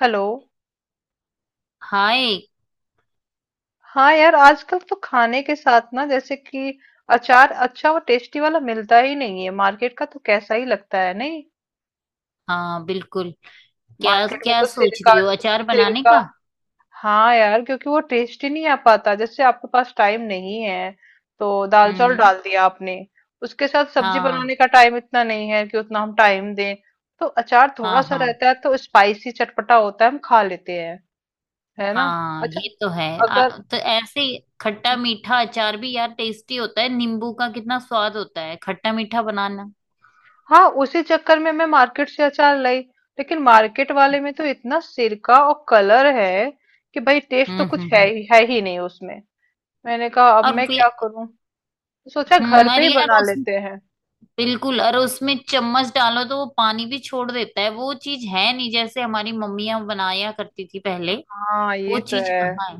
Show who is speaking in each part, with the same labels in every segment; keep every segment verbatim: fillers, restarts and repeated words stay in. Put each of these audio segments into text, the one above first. Speaker 1: Hello.
Speaker 2: Hi.
Speaker 1: हाँ यार, आजकल तो खाने के साथ ना, जैसे कि अचार अच्छा और टेस्टी वाला मिलता ही नहीं है। मार्केट का तो कैसा ही लगता है नहीं।
Speaker 2: हाँ बिल्कुल। क्या है
Speaker 1: मार्केट
Speaker 2: ना,
Speaker 1: में
Speaker 2: क्या
Speaker 1: तो
Speaker 2: सोच
Speaker 1: सिरका
Speaker 2: रही हो अचार बनाने
Speaker 1: सिरका
Speaker 2: का?
Speaker 1: हाँ यार, क्योंकि वो टेस्टी नहीं आ पाता। जैसे आपके पास टाइम नहीं है तो दाल चावल
Speaker 2: हम्म।
Speaker 1: डाल दिया आपने, उसके साथ सब्जी
Speaker 2: हाँ
Speaker 1: बनाने का टाइम इतना नहीं है कि उतना हम टाइम दें। तो अचार
Speaker 2: हाँ
Speaker 1: थोड़ा सा
Speaker 2: हाँ
Speaker 1: रहता है तो स्पाइसी चटपटा होता है, हम खा लेते हैं। है ना।
Speaker 2: हाँ,
Speaker 1: अच्छा।
Speaker 2: ये तो है।
Speaker 1: अगर
Speaker 2: आ, तो ऐसे ही खट्टा मीठा अचार भी यार टेस्टी होता है। नींबू का कितना स्वाद होता है, खट्टा मीठा बनाना।
Speaker 1: हाँ, उसी चक्कर में मैं मार्केट से अचार लाई, लेकिन मार्केट वाले में तो इतना सिरका और कलर है कि भाई टेस्ट तो
Speaker 2: हम्म
Speaker 1: कुछ
Speaker 2: हम्म
Speaker 1: है
Speaker 2: हम्म।
Speaker 1: ही है ही नहीं उसमें। मैंने कहा अब
Speaker 2: और
Speaker 1: मैं
Speaker 2: वे-
Speaker 1: क्या करूं, तो सोचा घर
Speaker 2: हम्म,
Speaker 1: पे
Speaker 2: और
Speaker 1: ही
Speaker 2: यार
Speaker 1: बना
Speaker 2: उस
Speaker 1: लेते हैं।
Speaker 2: बिल्कुल, और उसमें चम्मच डालो तो वो पानी भी छोड़ देता है। वो चीज है नहीं जैसे हमारी मम्मियां बनाया करती थी पहले।
Speaker 1: हाँ
Speaker 2: वो
Speaker 1: ये तो
Speaker 2: चीज
Speaker 1: है।
Speaker 2: कहाँ है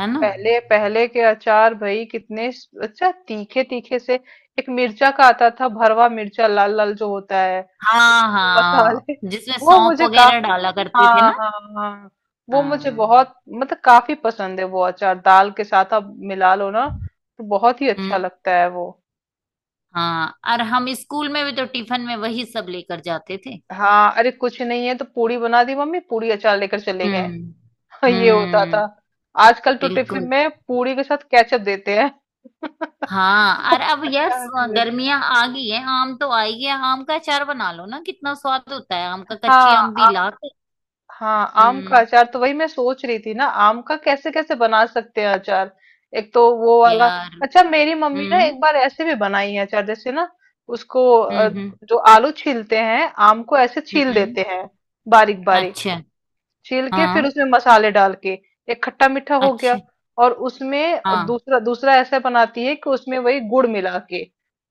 Speaker 2: है ना?
Speaker 1: पहले पहले के अचार भाई कितने स- अच्छा तीखे तीखे से। एक मिर्चा का आता था, भरवा मिर्चा, लाल लाल जो होता है
Speaker 2: हाँ
Speaker 1: उसमें मसाले,
Speaker 2: हाँ, जिसमें
Speaker 1: वो
Speaker 2: सौंफ
Speaker 1: मुझे
Speaker 2: वगैरह
Speaker 1: काफी
Speaker 2: डाला करते थे
Speaker 1: हाँ
Speaker 2: ना।
Speaker 1: हाँ। हाँ वो मुझे
Speaker 2: हाँ।
Speaker 1: बहुत मतलब काफी पसंद है। वो अचार दाल के साथ आप मिला लो ना, तो बहुत ही अच्छा
Speaker 2: हम्म।
Speaker 1: लगता है वो।
Speaker 2: हाँ, और हम स्कूल में भी तो टिफिन में वही सब लेकर जाते थे।
Speaker 1: हाँ। अरे कुछ नहीं है तो पूड़ी बना दी मम्मी, पूड़ी अचार लेकर चले गए।
Speaker 2: हम्म।
Speaker 1: ये होता
Speaker 2: हम्म।
Speaker 1: था। आजकल तो टिफिन
Speaker 2: बिल्कुल।
Speaker 1: में पूड़ी के साथ केचप देते हैं। अचार
Speaker 2: हाँ, और अब यार स-
Speaker 1: नहीं देते।
Speaker 2: गर्मियां आ गई है। आम तो आई है, आम का अचार बना लो ना, कितना स्वाद होता है आम का, कच्ची
Speaker 1: हाँ।
Speaker 2: आम भी
Speaker 1: आम।
Speaker 2: ला के।
Speaker 1: हाँ आम का
Speaker 2: हम्म।
Speaker 1: अचार, तो वही मैं सोच रही थी ना, आम का कैसे कैसे बना सकते हैं अचार। एक तो वो वाला
Speaker 2: यार।
Speaker 1: अच्छा, मेरी मम्मी ना
Speaker 2: हम्म
Speaker 1: एक बार ऐसे भी बनाई है अचार जैसे ना। उसको अ,
Speaker 2: हम्म हम्म
Speaker 1: जो आलू छीलते हैं आम को ऐसे छील
Speaker 2: हम्म।
Speaker 1: देते हैं, बारीक बारीक।
Speaker 2: अच्छा।
Speaker 1: छील के फिर
Speaker 2: हाँ।
Speaker 1: उसमें मसाले डाल के, एक खट्टा मीठा हो गया।
Speaker 2: अच्छा।
Speaker 1: और उसमें
Speaker 2: हाँ
Speaker 1: दूसरा दूसरा ऐसा बनाती है कि उसमें वही गुड़ मिला के,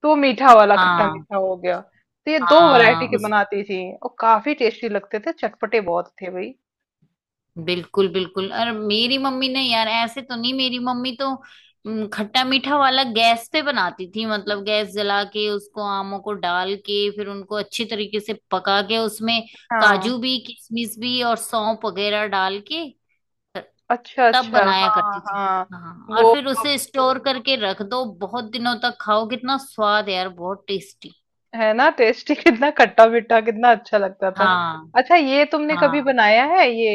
Speaker 1: तो मीठा वाला खट्टा
Speaker 2: हाँ।
Speaker 1: मीठा हो गया। तो ये दो वैरायटी
Speaker 2: हाँ
Speaker 1: के बनाती थी, और काफी टेस्टी लगते थे, चटपटे बहुत थे भाई।
Speaker 2: बिल्कुल बिल्कुल, और मेरी मम्मी ने यार ऐसे तो नहीं, मेरी मम्मी तो हम्म, खट्टा मीठा वाला गैस पे बनाती थी। मतलब गैस जला के उसको, आमों को डाल के, फिर उनको अच्छी तरीके से पका के, उसमें
Speaker 1: हाँ
Speaker 2: काजू भी, किशमिश भी, और सौंफ वगैरह डाल के
Speaker 1: अच्छा
Speaker 2: तब
Speaker 1: अच्छा,
Speaker 2: बनाया
Speaker 1: हाँ
Speaker 2: करती थी।
Speaker 1: हाँ
Speaker 2: हाँ, और
Speaker 1: वो।
Speaker 2: फिर उसे स्टोर करके रख दो, बहुत दिनों तक खाओ, कितना स्वाद है यार, बहुत टेस्टी।
Speaker 1: है ना टेस्टी। कितना खट्टा मीठा, कितना अच्छा लगता था।
Speaker 2: हाँ।
Speaker 1: अच्छा ये तुमने कभी
Speaker 2: हाँ।
Speaker 1: बनाया है ये,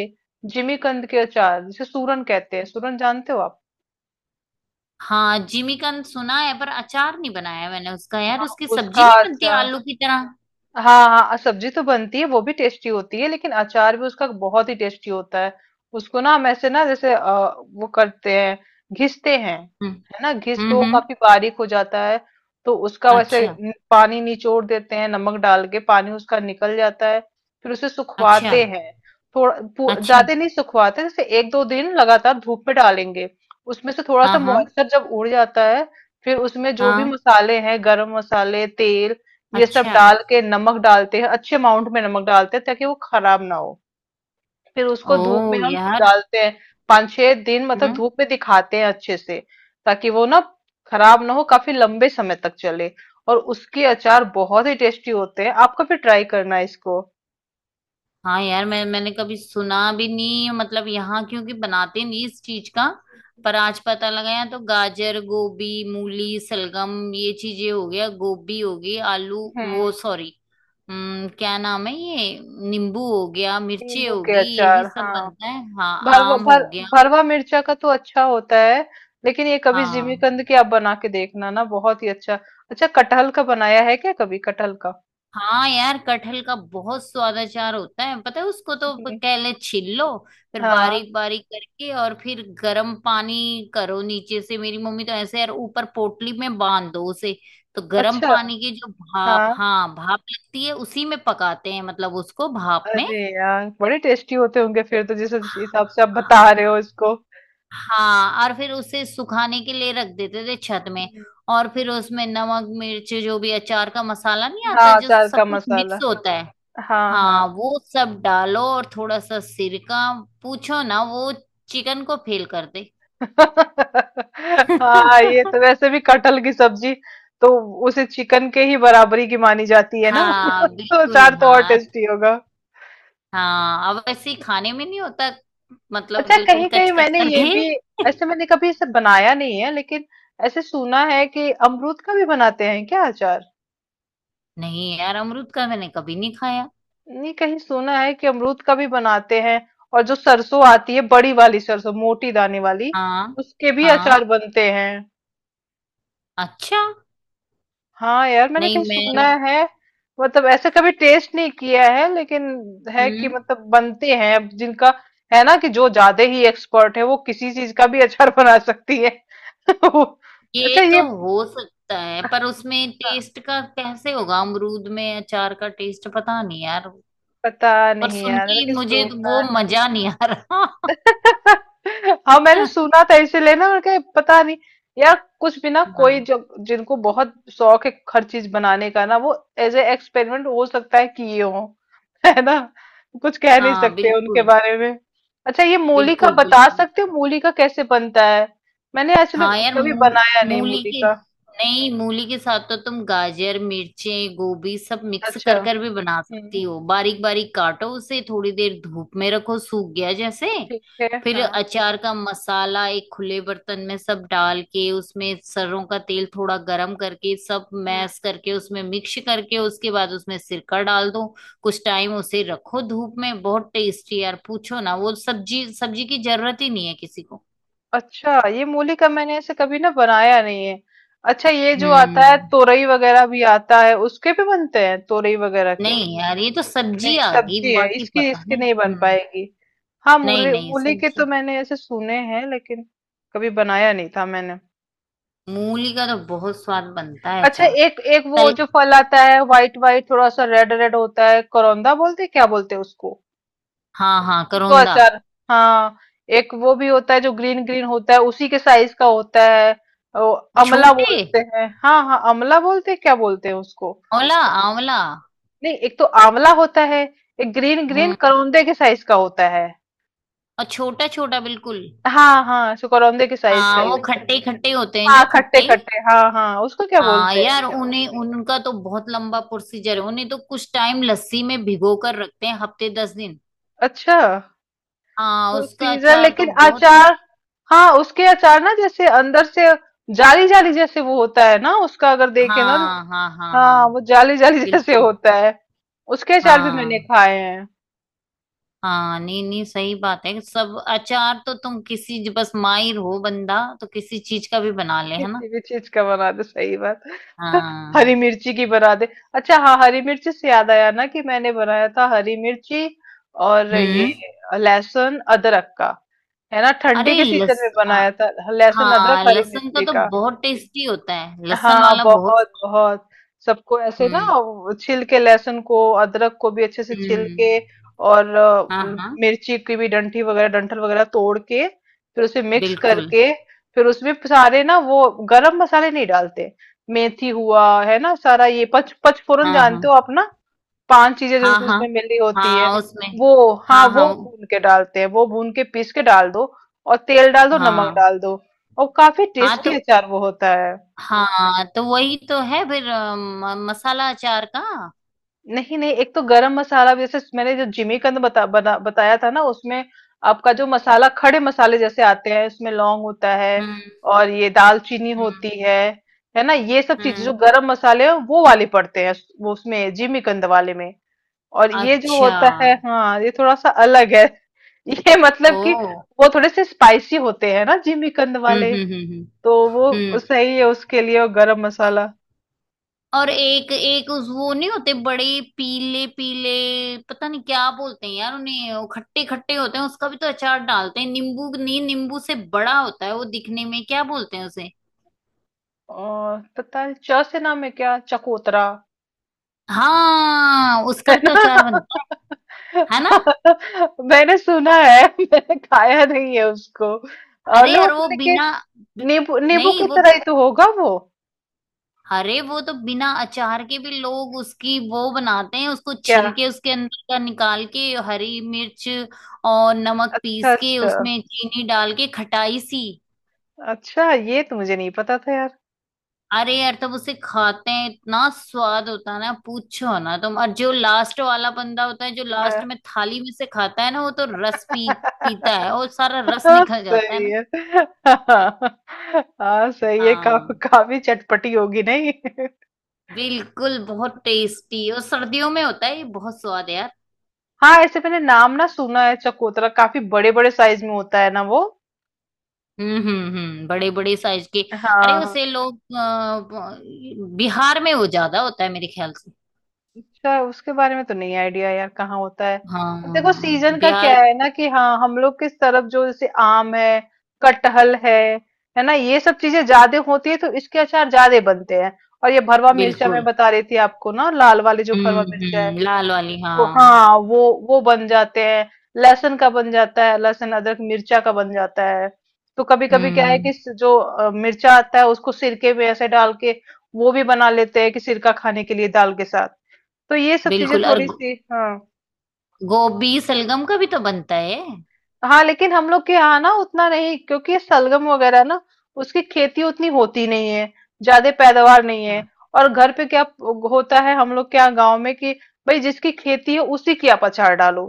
Speaker 1: जिमीकंद के अचार, जिसे सूरन कहते हैं। सूरन जानते हो आप।
Speaker 2: हाँ जिमीकंद सुना है, पर अचार नहीं बनाया मैंने उसका। यार
Speaker 1: हाँ
Speaker 2: उसकी सब्जी
Speaker 1: उसका
Speaker 2: नहीं बनती
Speaker 1: अचार।
Speaker 2: आलू की तरह?
Speaker 1: हाँ, हाँ, सब्जी तो बनती है, वो भी टेस्टी होती है, लेकिन अचार भी उसका बहुत ही टेस्टी होता है। उसको ना हम ऐसे ना, जैसे अ, वो करते हैं, घिसते हैं।
Speaker 2: हम्म
Speaker 1: है ना, घिस के
Speaker 2: हम्म
Speaker 1: वो
Speaker 2: हम्म।
Speaker 1: काफी बारीक हो जाता है। तो उसका वैसे
Speaker 2: अच्छा।
Speaker 1: न- पानी निचोड़ देते हैं, नमक डाल के पानी उसका निकल जाता है। फिर उसे
Speaker 2: अच्छा।
Speaker 1: सुखवाते हैं, थोड़ा पू-
Speaker 2: अच्छा।
Speaker 1: ज्यादा नहीं सुखवाते, जैसे एक दो दिन लगातार धूप में डालेंगे। उसमें से थोड़ा
Speaker 2: हाँ
Speaker 1: सा
Speaker 2: हाँ
Speaker 1: मॉइस्चर जब उड़ जाता है, फिर उसमें जो भी
Speaker 2: हाँ।
Speaker 1: मसाले हैं, गरम मसाले, तेल, ये सब
Speaker 2: अच्छा।
Speaker 1: डाल के नमक डालते हैं। अच्छे अमाउंट में नमक डालते हैं ताकि वो खराब ना हो। फिर
Speaker 2: ओ
Speaker 1: उसको धूप में हम
Speaker 2: यार।
Speaker 1: डालते हैं, पाँच छह दिन। मतलब
Speaker 2: हम्म।
Speaker 1: धूप में दिखाते हैं अच्छे से, ताकि वो ना खराब ना हो, काफी लंबे समय तक चले। और उसके अचार बहुत ही टेस्टी होते हैं। आपको भी ट्राई करना है इसको।
Speaker 2: हाँ यार, मैं मैंने कभी सुना भी नहीं। मतलब यहाँ क्योंकि बनाते नहीं इस चीज का। पर आज पता लगा। यहाँ तो गाजर, गोभी, मूली, सलगम, ये चीजें हो गया, गोभी हो गई, आलू, वो
Speaker 1: हम्म।
Speaker 2: सॉरी हम्म क्या नाम है ये, नींबू हो गया, मिर्ची
Speaker 1: नींबू के
Speaker 2: होगी, यही
Speaker 1: अचार,
Speaker 2: सब
Speaker 1: हाँ।
Speaker 2: बनता है। हाँ
Speaker 1: भरवा
Speaker 2: आम हो
Speaker 1: भर
Speaker 2: गया।
Speaker 1: भरवा मिर्चा का तो अच्छा होता है, लेकिन ये कभी
Speaker 2: हाँ।
Speaker 1: जिमीकंद की आप बना के देखना ना, बहुत ही अच्छा। अच्छा कटहल का बनाया है क्या कभी, कटहल का।
Speaker 2: हाँ यार कटहल का बहुत स्वाद अचार होता है। पता है, उसको तो
Speaker 1: हम्म,
Speaker 2: पहले छील लो, फिर
Speaker 1: हाँ।
Speaker 2: बारीक बारीक करके, और फिर गर्म पानी करो नीचे से। मेरी मम्मी तो ऐसे, यार ऊपर पोटली में बांध दो उसे, तो गर्म
Speaker 1: अच्छा,
Speaker 2: पानी की जो भाप,
Speaker 1: हाँ।
Speaker 2: हाँ भाप लगती है उसी में पकाते हैं, मतलब उसको भाप में।
Speaker 1: अरे यार! बड़े टेस्टी होते होंगे फिर तो, जिस जिस हिसाब से आप बता रहे हो इसको।
Speaker 2: हाँ, और फिर उसे सुखाने के लिए रख देते थे छत में।
Speaker 1: हुँ।
Speaker 2: और फिर उसमें नमक, मिर्च, जो भी अचार का मसाला नहीं आता
Speaker 1: हाँ,
Speaker 2: जो
Speaker 1: अचार का
Speaker 2: सब कुछ
Speaker 1: मसाला।
Speaker 2: मिक्स होता है,
Speaker 1: हाँ, हाँ।
Speaker 2: हाँ वो सब डालो, और थोड़ा सा सिरका। पूछो ना, वो चिकन को फेल कर दे।
Speaker 1: हाँ, ये तो वैसे भी कटहल की सब्जी तो उसे चिकन के ही बराबरी की मानी जाती है ना?
Speaker 2: हाँ
Speaker 1: तो
Speaker 2: बिल्कुल।
Speaker 1: अचार तो और
Speaker 2: हाँ।
Speaker 1: टेस्टी होगा।
Speaker 2: हाँ अब वैसे ही खाने में नहीं होता, मतलब
Speaker 1: अच्छा
Speaker 2: बिल्कुल
Speaker 1: कहीं-कहीं
Speaker 2: कच कच
Speaker 1: मैंने ये
Speaker 2: करके।
Speaker 1: भी, ऐसे मैंने कभी इसे बनाया नहीं है, लेकिन ऐसे सुना है कि अमरूद का भी बनाते हैं क्या अचार?
Speaker 2: नहीं यार, अमरूद का मैंने कभी नहीं खाया।
Speaker 1: नहीं कहीं सुना है कि अमरूद का भी बनाते हैं। और जो सरसों आती है, बड़ी वाली सरसों, मोटी दाने वाली,
Speaker 2: हाँ
Speaker 1: उसके भी
Speaker 2: हाँ।
Speaker 1: अचार बनते हैं।
Speaker 2: अच्छा।
Speaker 1: हाँ यार मैंने
Speaker 2: नहीं
Speaker 1: कहीं सुना
Speaker 2: मैंने
Speaker 1: है, मतलब ऐसे कभी टेस्ट नहीं किया है, लेकिन है कि
Speaker 2: हम्म,
Speaker 1: मतलब बनते हैं। अब जिनका है ना, कि जो ज्यादा ही एक्सपर्ट है वो किसी चीज का भी अचार बना सकती है।
Speaker 2: ये
Speaker 1: अच्छा
Speaker 2: तो
Speaker 1: ये, हाँ,
Speaker 2: हो सकता है पर उसमें टेस्ट का कैसे होगा, अमरूद में अचार का टेस्ट, पता नहीं यार।
Speaker 1: पता
Speaker 2: पर
Speaker 1: नहीं
Speaker 2: सुन
Speaker 1: यार,
Speaker 2: के
Speaker 1: लेकिन
Speaker 2: मुझे
Speaker 1: सुना
Speaker 2: वो
Speaker 1: है।
Speaker 2: मजा नहीं आ रहा।
Speaker 1: हाँ मैंने सुना था, इसीलिए ना मैंने कहा पता नहीं यार। कुछ भी ना, कोई
Speaker 2: हाँ।
Speaker 1: जो, जिनको बहुत शौक है हर चीज बनाने का ना, वो एज ए एक्सपेरिमेंट हो सकता है कि ये हो। है ना, कुछ कह नहीं
Speaker 2: हाँ
Speaker 1: सकते उनके
Speaker 2: बिल्कुल।
Speaker 1: बारे में। अच्छा ये मूली का
Speaker 2: बिल्कुल
Speaker 1: बता
Speaker 2: बिल्कुल।
Speaker 1: सकते हो, मूली का कैसे बनता है। मैंने एक्चुअली
Speaker 2: हाँ यार है
Speaker 1: कभी
Speaker 2: ना मूल
Speaker 1: बनाया
Speaker 2: पर
Speaker 1: नहीं
Speaker 2: मूली
Speaker 1: मूली
Speaker 2: के,
Speaker 1: का।
Speaker 2: नहीं मूली के साथ तो तुम गाजर, मिर्चें, गोभी सब मिक्स
Speaker 1: अच्छा,
Speaker 2: कर कर भी बना
Speaker 1: हम्म,
Speaker 2: सकती हो। बारीक बारीक काटो उसे, थोड़ी देर धूप में रखो, सूख गया जैसे,
Speaker 1: ठीक है,
Speaker 2: फिर
Speaker 1: हाँ।
Speaker 2: अचार का मसाला एक खुले बर्तन में सब डाल के, उसमें सरसों का तेल थोड़ा गरम करके सब
Speaker 1: हाँ।
Speaker 2: मैश करके उसमें मिक्स करके, उसके बाद उसमें सिरका डाल दो। कुछ टाइम उसे रखो धूप में, बहुत टेस्टी यार। पूछो ना, वो सब्जी, सब्जी की जरूरत ही नहीं है किसी को।
Speaker 1: अच्छा ये मूली का मैंने ऐसे कभी ना बनाया नहीं है। अच्छा ये जो आता है
Speaker 2: हम्म।
Speaker 1: तोरई वगैरह भी आता है, उसके भी बनते हैं तोरई वगैरह के।
Speaker 2: नहीं यार ये तो सब्जी
Speaker 1: नहीं
Speaker 2: आ गई,
Speaker 1: सब्जी है
Speaker 2: बाकी
Speaker 1: इसकी,
Speaker 2: पता
Speaker 1: इसकी
Speaker 2: नहीं।
Speaker 1: नहीं बन
Speaker 2: हम्म।
Speaker 1: पाएगी। हाँ
Speaker 2: नहीं
Speaker 1: मूली
Speaker 2: नहीं
Speaker 1: मूली के तो
Speaker 2: सब्जी।
Speaker 1: मैंने ऐसे सुने हैं, लेकिन कभी बनाया नहीं था मैंने।
Speaker 2: मूली का तो बहुत स्वाद बनता है
Speaker 1: अच्छा
Speaker 2: अचार।
Speaker 1: एक एक वो
Speaker 2: तल
Speaker 1: जो फल आता है, व्हाइट व्हाइट थोड़ा सा रेड रेड होता है, करौंदा बोलते हैं, क्या बोलते हैं उसको,
Speaker 2: हाँ हाँ
Speaker 1: भी तो
Speaker 2: करौंदा।
Speaker 1: अचार। हाँ एक वो भी होता है जो ग्रीन ग्रीन होता है, उसी के साइज का होता है। ओ, अमला
Speaker 2: छोटे
Speaker 1: बोलते हैं, हाँ हाँ अमला बोलते हैं, क्या बोलते हैं उसको।
Speaker 2: ओला आंवला।
Speaker 1: नहीं एक तो आंवला होता है, एक ग्रीन ग्रीन
Speaker 2: हम्म,
Speaker 1: करौंदे के साइज का होता है।
Speaker 2: और छोटा छोटा बिल्कुल।
Speaker 1: हाँ हाँ, सो करौंदे के साइज का
Speaker 2: हाँ
Speaker 1: ही
Speaker 2: वो
Speaker 1: होता है।
Speaker 2: खट्टे खट्टे होते हैं,
Speaker 1: हाँ
Speaker 2: जो
Speaker 1: खट्टे
Speaker 2: खट्टे।
Speaker 1: खट्टे, हाँ हाँ, उसको क्या
Speaker 2: हाँ
Speaker 1: बोलते हैं।
Speaker 2: यार उन्हें, उनका तो बहुत लंबा प्रोसीजर है। उन्हें तो कुछ टाइम लस्सी में भिगो कर रखते हैं, हफ्ते दस दिन।
Speaker 1: अच्छा,
Speaker 2: हाँ उसका
Speaker 1: प्रोसीजर
Speaker 2: अचार तो
Speaker 1: लेकिन
Speaker 2: बहुत।
Speaker 1: अचार। हाँ उसके अचार ना, जैसे अंदर से जाली जाली जैसे वो होता है ना, उसका अगर देखे ना तो,
Speaker 2: हाँ हाँ हाँ
Speaker 1: हाँ,
Speaker 2: हाँ।
Speaker 1: वो जाली जाली जैसे
Speaker 2: बिल्कुल।
Speaker 1: होता है। उसके अचार भी मैंने
Speaker 2: हाँ
Speaker 1: खाए हैं।
Speaker 2: हाँ नहीं नहीं, सही बात है। सब अचार तो तुम किसी, बस माहिर हो बंदा, तो किसी चीज का भी बना ले, है ना?
Speaker 1: किसी भी चीज का बना दे, सही बात। हरी
Speaker 2: हाँ।
Speaker 1: मिर्ची की बना दे। अच्छा हाँ हरी मिर्ची से याद आया ना कि मैंने बनाया था हरी मिर्ची और ये
Speaker 2: हम्म।
Speaker 1: लहसुन अदरक का। है ना,
Speaker 2: अरे
Speaker 1: ठंडी के सीजन में
Speaker 2: लस आ-
Speaker 1: बनाया था लहसुन अदरक
Speaker 2: हाँ
Speaker 1: हरी
Speaker 2: लहसुन का
Speaker 1: मिर्ची
Speaker 2: तो
Speaker 1: का।
Speaker 2: बहुत टेस्टी होता है, लहसुन
Speaker 1: हाँ
Speaker 2: वाला बहुत।
Speaker 1: बहुत बहुत। सबको ऐसे ना
Speaker 2: हम्म
Speaker 1: वो छील के, लहसुन को, अदरक को भी अच्छे से छील
Speaker 2: हम्म।
Speaker 1: के, और अ,
Speaker 2: हाँ हाँ।
Speaker 1: मिर्ची की भी डंठी वगैरह, डंठल वगैरह तोड़ के फिर उसे मिक्स
Speaker 2: बिल्कुल।
Speaker 1: करके, फिर उसमें सारे ना वो गरम मसाले नहीं डालते। मेथी हुआ है ना सारा, ये पच पचफोरन
Speaker 2: हाँ
Speaker 1: जानते
Speaker 2: हाँ
Speaker 1: हो आप ना, पांच चीजें जो
Speaker 2: हाँ
Speaker 1: उस-
Speaker 2: हाँ।
Speaker 1: उसमें मिली होती है,
Speaker 2: हाँ उसमें
Speaker 1: वो हाँ
Speaker 2: हाँ
Speaker 1: वो
Speaker 2: हाँ
Speaker 1: भून के डालते हैं, वो भून के पीस के डाल दो और तेल डाल दो, नमक
Speaker 2: हाँ
Speaker 1: डाल दो, और काफी
Speaker 2: हाँ
Speaker 1: टेस्टी
Speaker 2: तो
Speaker 1: अचार वो होता है।
Speaker 2: हाँ, तो वही तो है फिर अ, म- मसाला अचार का।
Speaker 1: नहीं, नहीं, एक तो गरम मसाला भी, जैसे मैंने जो जिमीकंद बता बना बताया था ना, उसमें आपका जो मसाला खड़े मसाले जैसे आते हैं, इसमें लौंग होता है
Speaker 2: हम्म
Speaker 1: और ये दालचीनी होती
Speaker 2: हम्म
Speaker 1: है। है ना ये सब चीजें जो
Speaker 2: हम्म।
Speaker 1: गरम मसाले हैं, वो वाले पड़ते हैं, वो उसमें जिमीकंद वाले में। और ये जो
Speaker 2: अच्छा।
Speaker 1: होता है हाँ, ये थोड़ा सा अलग है। ये मतलब कि
Speaker 2: ओ।
Speaker 1: वो थोड़े से स्पाइसी होते हैं ना जिमीकंद
Speaker 2: हम्म
Speaker 1: वाले,
Speaker 2: हम्म हम्म
Speaker 1: तो
Speaker 2: हम्म
Speaker 1: वो
Speaker 2: हम्म।
Speaker 1: सही है उसके लिए और गरम मसाला।
Speaker 2: और एक एक उस वो, नहीं होते बड़े पीले पीले, पता नहीं क्या बोलते हैं यार उन्हें, वो खट्टे खट्टे होते हैं, उसका भी तो अचार डालते हैं। नींबू नहीं, नींबू से बड़ा होता है वो दिखने में, क्या बोलते हैं उसे।
Speaker 1: और पता नहीं च से नाम है, क्या, चकोतरा।
Speaker 2: हाँ उसका
Speaker 1: है
Speaker 2: भी तो
Speaker 1: ना।
Speaker 2: अचार बनता है है ना।
Speaker 1: मैंने सुना है, मैंने खाया नहीं है उसको। अ,
Speaker 2: अरे
Speaker 1: लो,
Speaker 2: यार वो
Speaker 1: लेकिन
Speaker 2: बिना बि-
Speaker 1: नींबू, नींबू
Speaker 2: नहीं
Speaker 1: की
Speaker 2: वो,
Speaker 1: तरह ही तो होगा वो।
Speaker 2: अरे वो तो बिना अचार के भी लोग उसकी वो बनाते हैं, उसको
Speaker 1: क्या
Speaker 2: छिल के उसके अंदर का निकाल के, हरी मिर्च और नमक
Speaker 1: अच्छा
Speaker 2: पीस के
Speaker 1: अच्छा।
Speaker 2: उसमें चीनी डाल के, खटाई सी।
Speaker 1: अच्छा ये तो मुझे नहीं पता था यार।
Speaker 2: अरे यार तब उसे खाते हैं, इतना स्वाद होता है ना, पूछो ना तुम। और जो लास्ट वाला बंदा होता है, जो लास्ट में थाली में से खाता है ना, वो तो रस पी पीता है, और सारा रस निकल जाता है
Speaker 1: सही
Speaker 2: ना।
Speaker 1: है। हाँ। हाँ, सही है का,
Speaker 2: हाँ
Speaker 1: काफी चटपटी होगी नहीं।
Speaker 2: बिल्कुल बहुत टेस्टी, और सर्दियों में होता है ये, बहुत स्वाद है यार।
Speaker 1: हाँ ऐसे मैंने नाम ना सुना है, चकोतरा काफी बड़े बड़े साइज में होता है ना वो।
Speaker 2: हम्म हम्म हम्म बड़े बड़े साइज के। अरे
Speaker 1: हाँ।
Speaker 2: उसे
Speaker 1: हाँ।
Speaker 2: लोग अ, बिहार में वो ज्यादा होता है मेरे ख्याल से।
Speaker 1: अच्छा उसके बारे में तो नहीं आइडिया यार, कहाँ होता है। अब
Speaker 2: हाँ
Speaker 1: देखो सीजन का
Speaker 2: बिहार।
Speaker 1: क्या है ना, कि हाँ हम लोग किस तरफ जो जैसे आम है, कटहल है है ना, ये सब चीजें ज्यादा होती है तो इसके अचार ज्यादा बनते हैं। और ये भरवा मिर्चा मैं
Speaker 2: बिल्कुल।
Speaker 1: बता रही थी आपको ना, लाल वाले जो भरवा
Speaker 2: हम्म
Speaker 1: मिर्चा है,
Speaker 2: हम्म लाल वाली
Speaker 1: वो
Speaker 2: हाँ।
Speaker 1: हाँ वो वो बन जाते हैं। लहसुन का बन जाता है, लहसुन अदरक मिर्चा का बन जाता है। तो कभी कभी क्या है
Speaker 2: हम्म।
Speaker 1: कि स- जो अ, मिर्चा आता है उसको सिरके में ऐसे डाल के वो भी बना लेते हैं, कि सिरका खाने के लिए दाल के साथ। तो ये सब चीजें
Speaker 2: बिल्कुल, और
Speaker 1: थोड़ी
Speaker 2: गो-
Speaker 1: सी, हाँ।
Speaker 2: गोभी सलगम का भी तो बनता है।
Speaker 1: हाँ लेकिन हम लोग के यहाँ ना उतना नहीं, क्योंकि ये सलगम वगैरह ना, उसकी खेती उतनी होती नहीं है, ज्यादा पैदावार नहीं है। और घर पे क्या होता है हम लोग के यहाँ गाँव में, कि भाई जिसकी खेती है उसी की आप अचार डालो,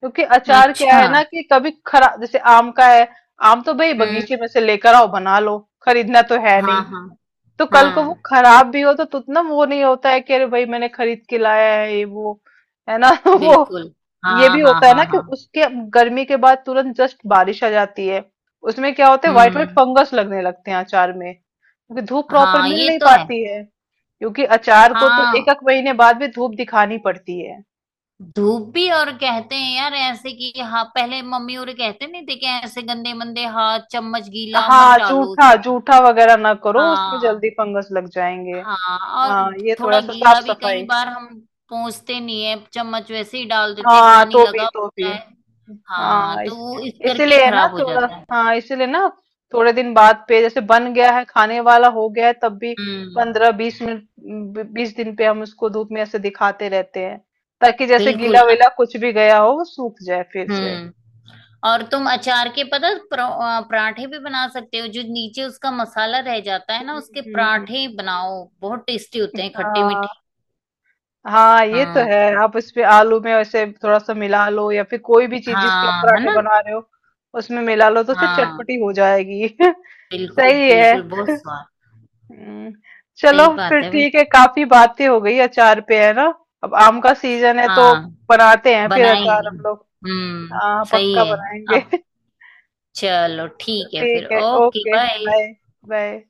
Speaker 1: क्योंकि अचार क्या
Speaker 2: अच्छा।
Speaker 1: है ना कि कभी खरा जैसे आम का है, आम तो भाई
Speaker 2: हम्म।
Speaker 1: बगीचे में से लेकर आओ बना लो, खरीदना तो है
Speaker 2: हाँ
Speaker 1: नहीं।
Speaker 2: हाँ
Speaker 1: तो कल को वो
Speaker 2: हाँ
Speaker 1: खराब भी हो तो उतना वो नहीं होता है कि अरे भाई मैंने खरीद के लाया है ये वो। है ना। वो
Speaker 2: बिल्कुल
Speaker 1: ये
Speaker 2: हाँ
Speaker 1: भी
Speaker 2: हाँ
Speaker 1: होता है
Speaker 2: हाँ
Speaker 1: ना कि
Speaker 2: हाँ
Speaker 1: उसके गर्मी के बाद तुरंत जस्ट बारिश आ जाती है, उसमें क्या होता है व्हाइट व्हाइट
Speaker 2: हम्म
Speaker 1: फंगस लगने लगते हैं अचार में, क्योंकि धूप प्रॉपर
Speaker 2: हाँ
Speaker 1: मिल
Speaker 2: ये
Speaker 1: नहीं
Speaker 2: तो है।
Speaker 1: पाती है। क्योंकि अचार को तो एक
Speaker 2: हाँ
Speaker 1: एक महीने बाद भी धूप दिखानी पड़ती है।
Speaker 2: धूप भी, और कहते हैं यार ऐसे कि हाँ पहले मम्मी और कहते नहीं थे कि ऐसे गंदे मंदे हाथ, चम्मच गीला मत
Speaker 1: हाँ
Speaker 2: डालो
Speaker 1: जूठा
Speaker 2: उसमें।
Speaker 1: जूठा वगैरह ना करो उसमें,
Speaker 2: हाँ।
Speaker 1: जल्दी फंगस लग जाएंगे।
Speaker 2: हाँ
Speaker 1: हाँ
Speaker 2: और
Speaker 1: ये
Speaker 2: थोड़ा
Speaker 1: थोड़ा सा
Speaker 2: गीला
Speaker 1: साफ
Speaker 2: भी कई
Speaker 1: सफाई।
Speaker 2: बार हम पहुंचते नहीं है, चम्मच वैसे ही डाल देते हैं,
Speaker 1: हाँ
Speaker 2: पानी
Speaker 1: तो
Speaker 2: लगा
Speaker 1: भी तो
Speaker 2: होता
Speaker 1: भी
Speaker 2: है। हाँ
Speaker 1: हाँ
Speaker 2: तो
Speaker 1: इस
Speaker 2: वो इस करके
Speaker 1: इसीलिए ना
Speaker 2: खराब हो
Speaker 1: थोड़ा,
Speaker 2: जाता है।
Speaker 1: हाँ इसीलिए ना थोड़े दिन बाद पे, जैसे बन गया है, खाने वाला हो गया है, तब भी
Speaker 2: हम्म।
Speaker 1: पंद्रह बीस मिनट, बीस दिन पे हम उसको धूप में ऐसे दिखाते रहते हैं, ताकि जैसे
Speaker 2: बिल्कुल।
Speaker 1: गीला वीला कुछ भी गया हो वो सूख जाए फिर से।
Speaker 2: हम्म, और तुम अचार के पता परा- आ, पराठे भी बना सकते हो। जो नीचे उसका मसाला रह जाता है ना,
Speaker 1: हम्म,
Speaker 2: उसके
Speaker 1: हम्म, हम्म।
Speaker 2: पराठे बनाओ, बहुत टेस्टी होते हैं, खट्टे
Speaker 1: हाँ।
Speaker 2: मीठे।
Speaker 1: हाँ ये तो
Speaker 2: हाँ
Speaker 1: है, आप इस पे आलू में ऐसे थोड़ा सा मिला लो, या फिर कोई भी चीज जिसके आप
Speaker 2: हाँ है
Speaker 1: पराठे
Speaker 2: ना।
Speaker 1: बना रहे हो उसमें मिला लो तो चट-
Speaker 2: हाँ
Speaker 1: चटपटी हो जाएगी।
Speaker 2: बिल्कुल
Speaker 1: सही है।
Speaker 2: बिल्कुल बहुत स्वाद।
Speaker 1: हम्म। चलो
Speaker 2: सही बात
Speaker 1: फिर
Speaker 2: है भाई।
Speaker 1: ठीक है, काफी बातें हो गई अचार पे, है ना। अब आम का सीजन है तो
Speaker 2: हाँ,
Speaker 1: बनाते हैं फिर
Speaker 2: बनाएंगे
Speaker 1: अचार हम लोग।
Speaker 2: हम्म।
Speaker 1: हाँ
Speaker 2: सही
Speaker 1: पक्का
Speaker 2: है।
Speaker 1: बनाएंगे।
Speaker 2: अब चलो ठीक है फिर,
Speaker 1: ठीक है,
Speaker 2: okay
Speaker 1: okay,
Speaker 2: bye.
Speaker 1: Bye. Bye.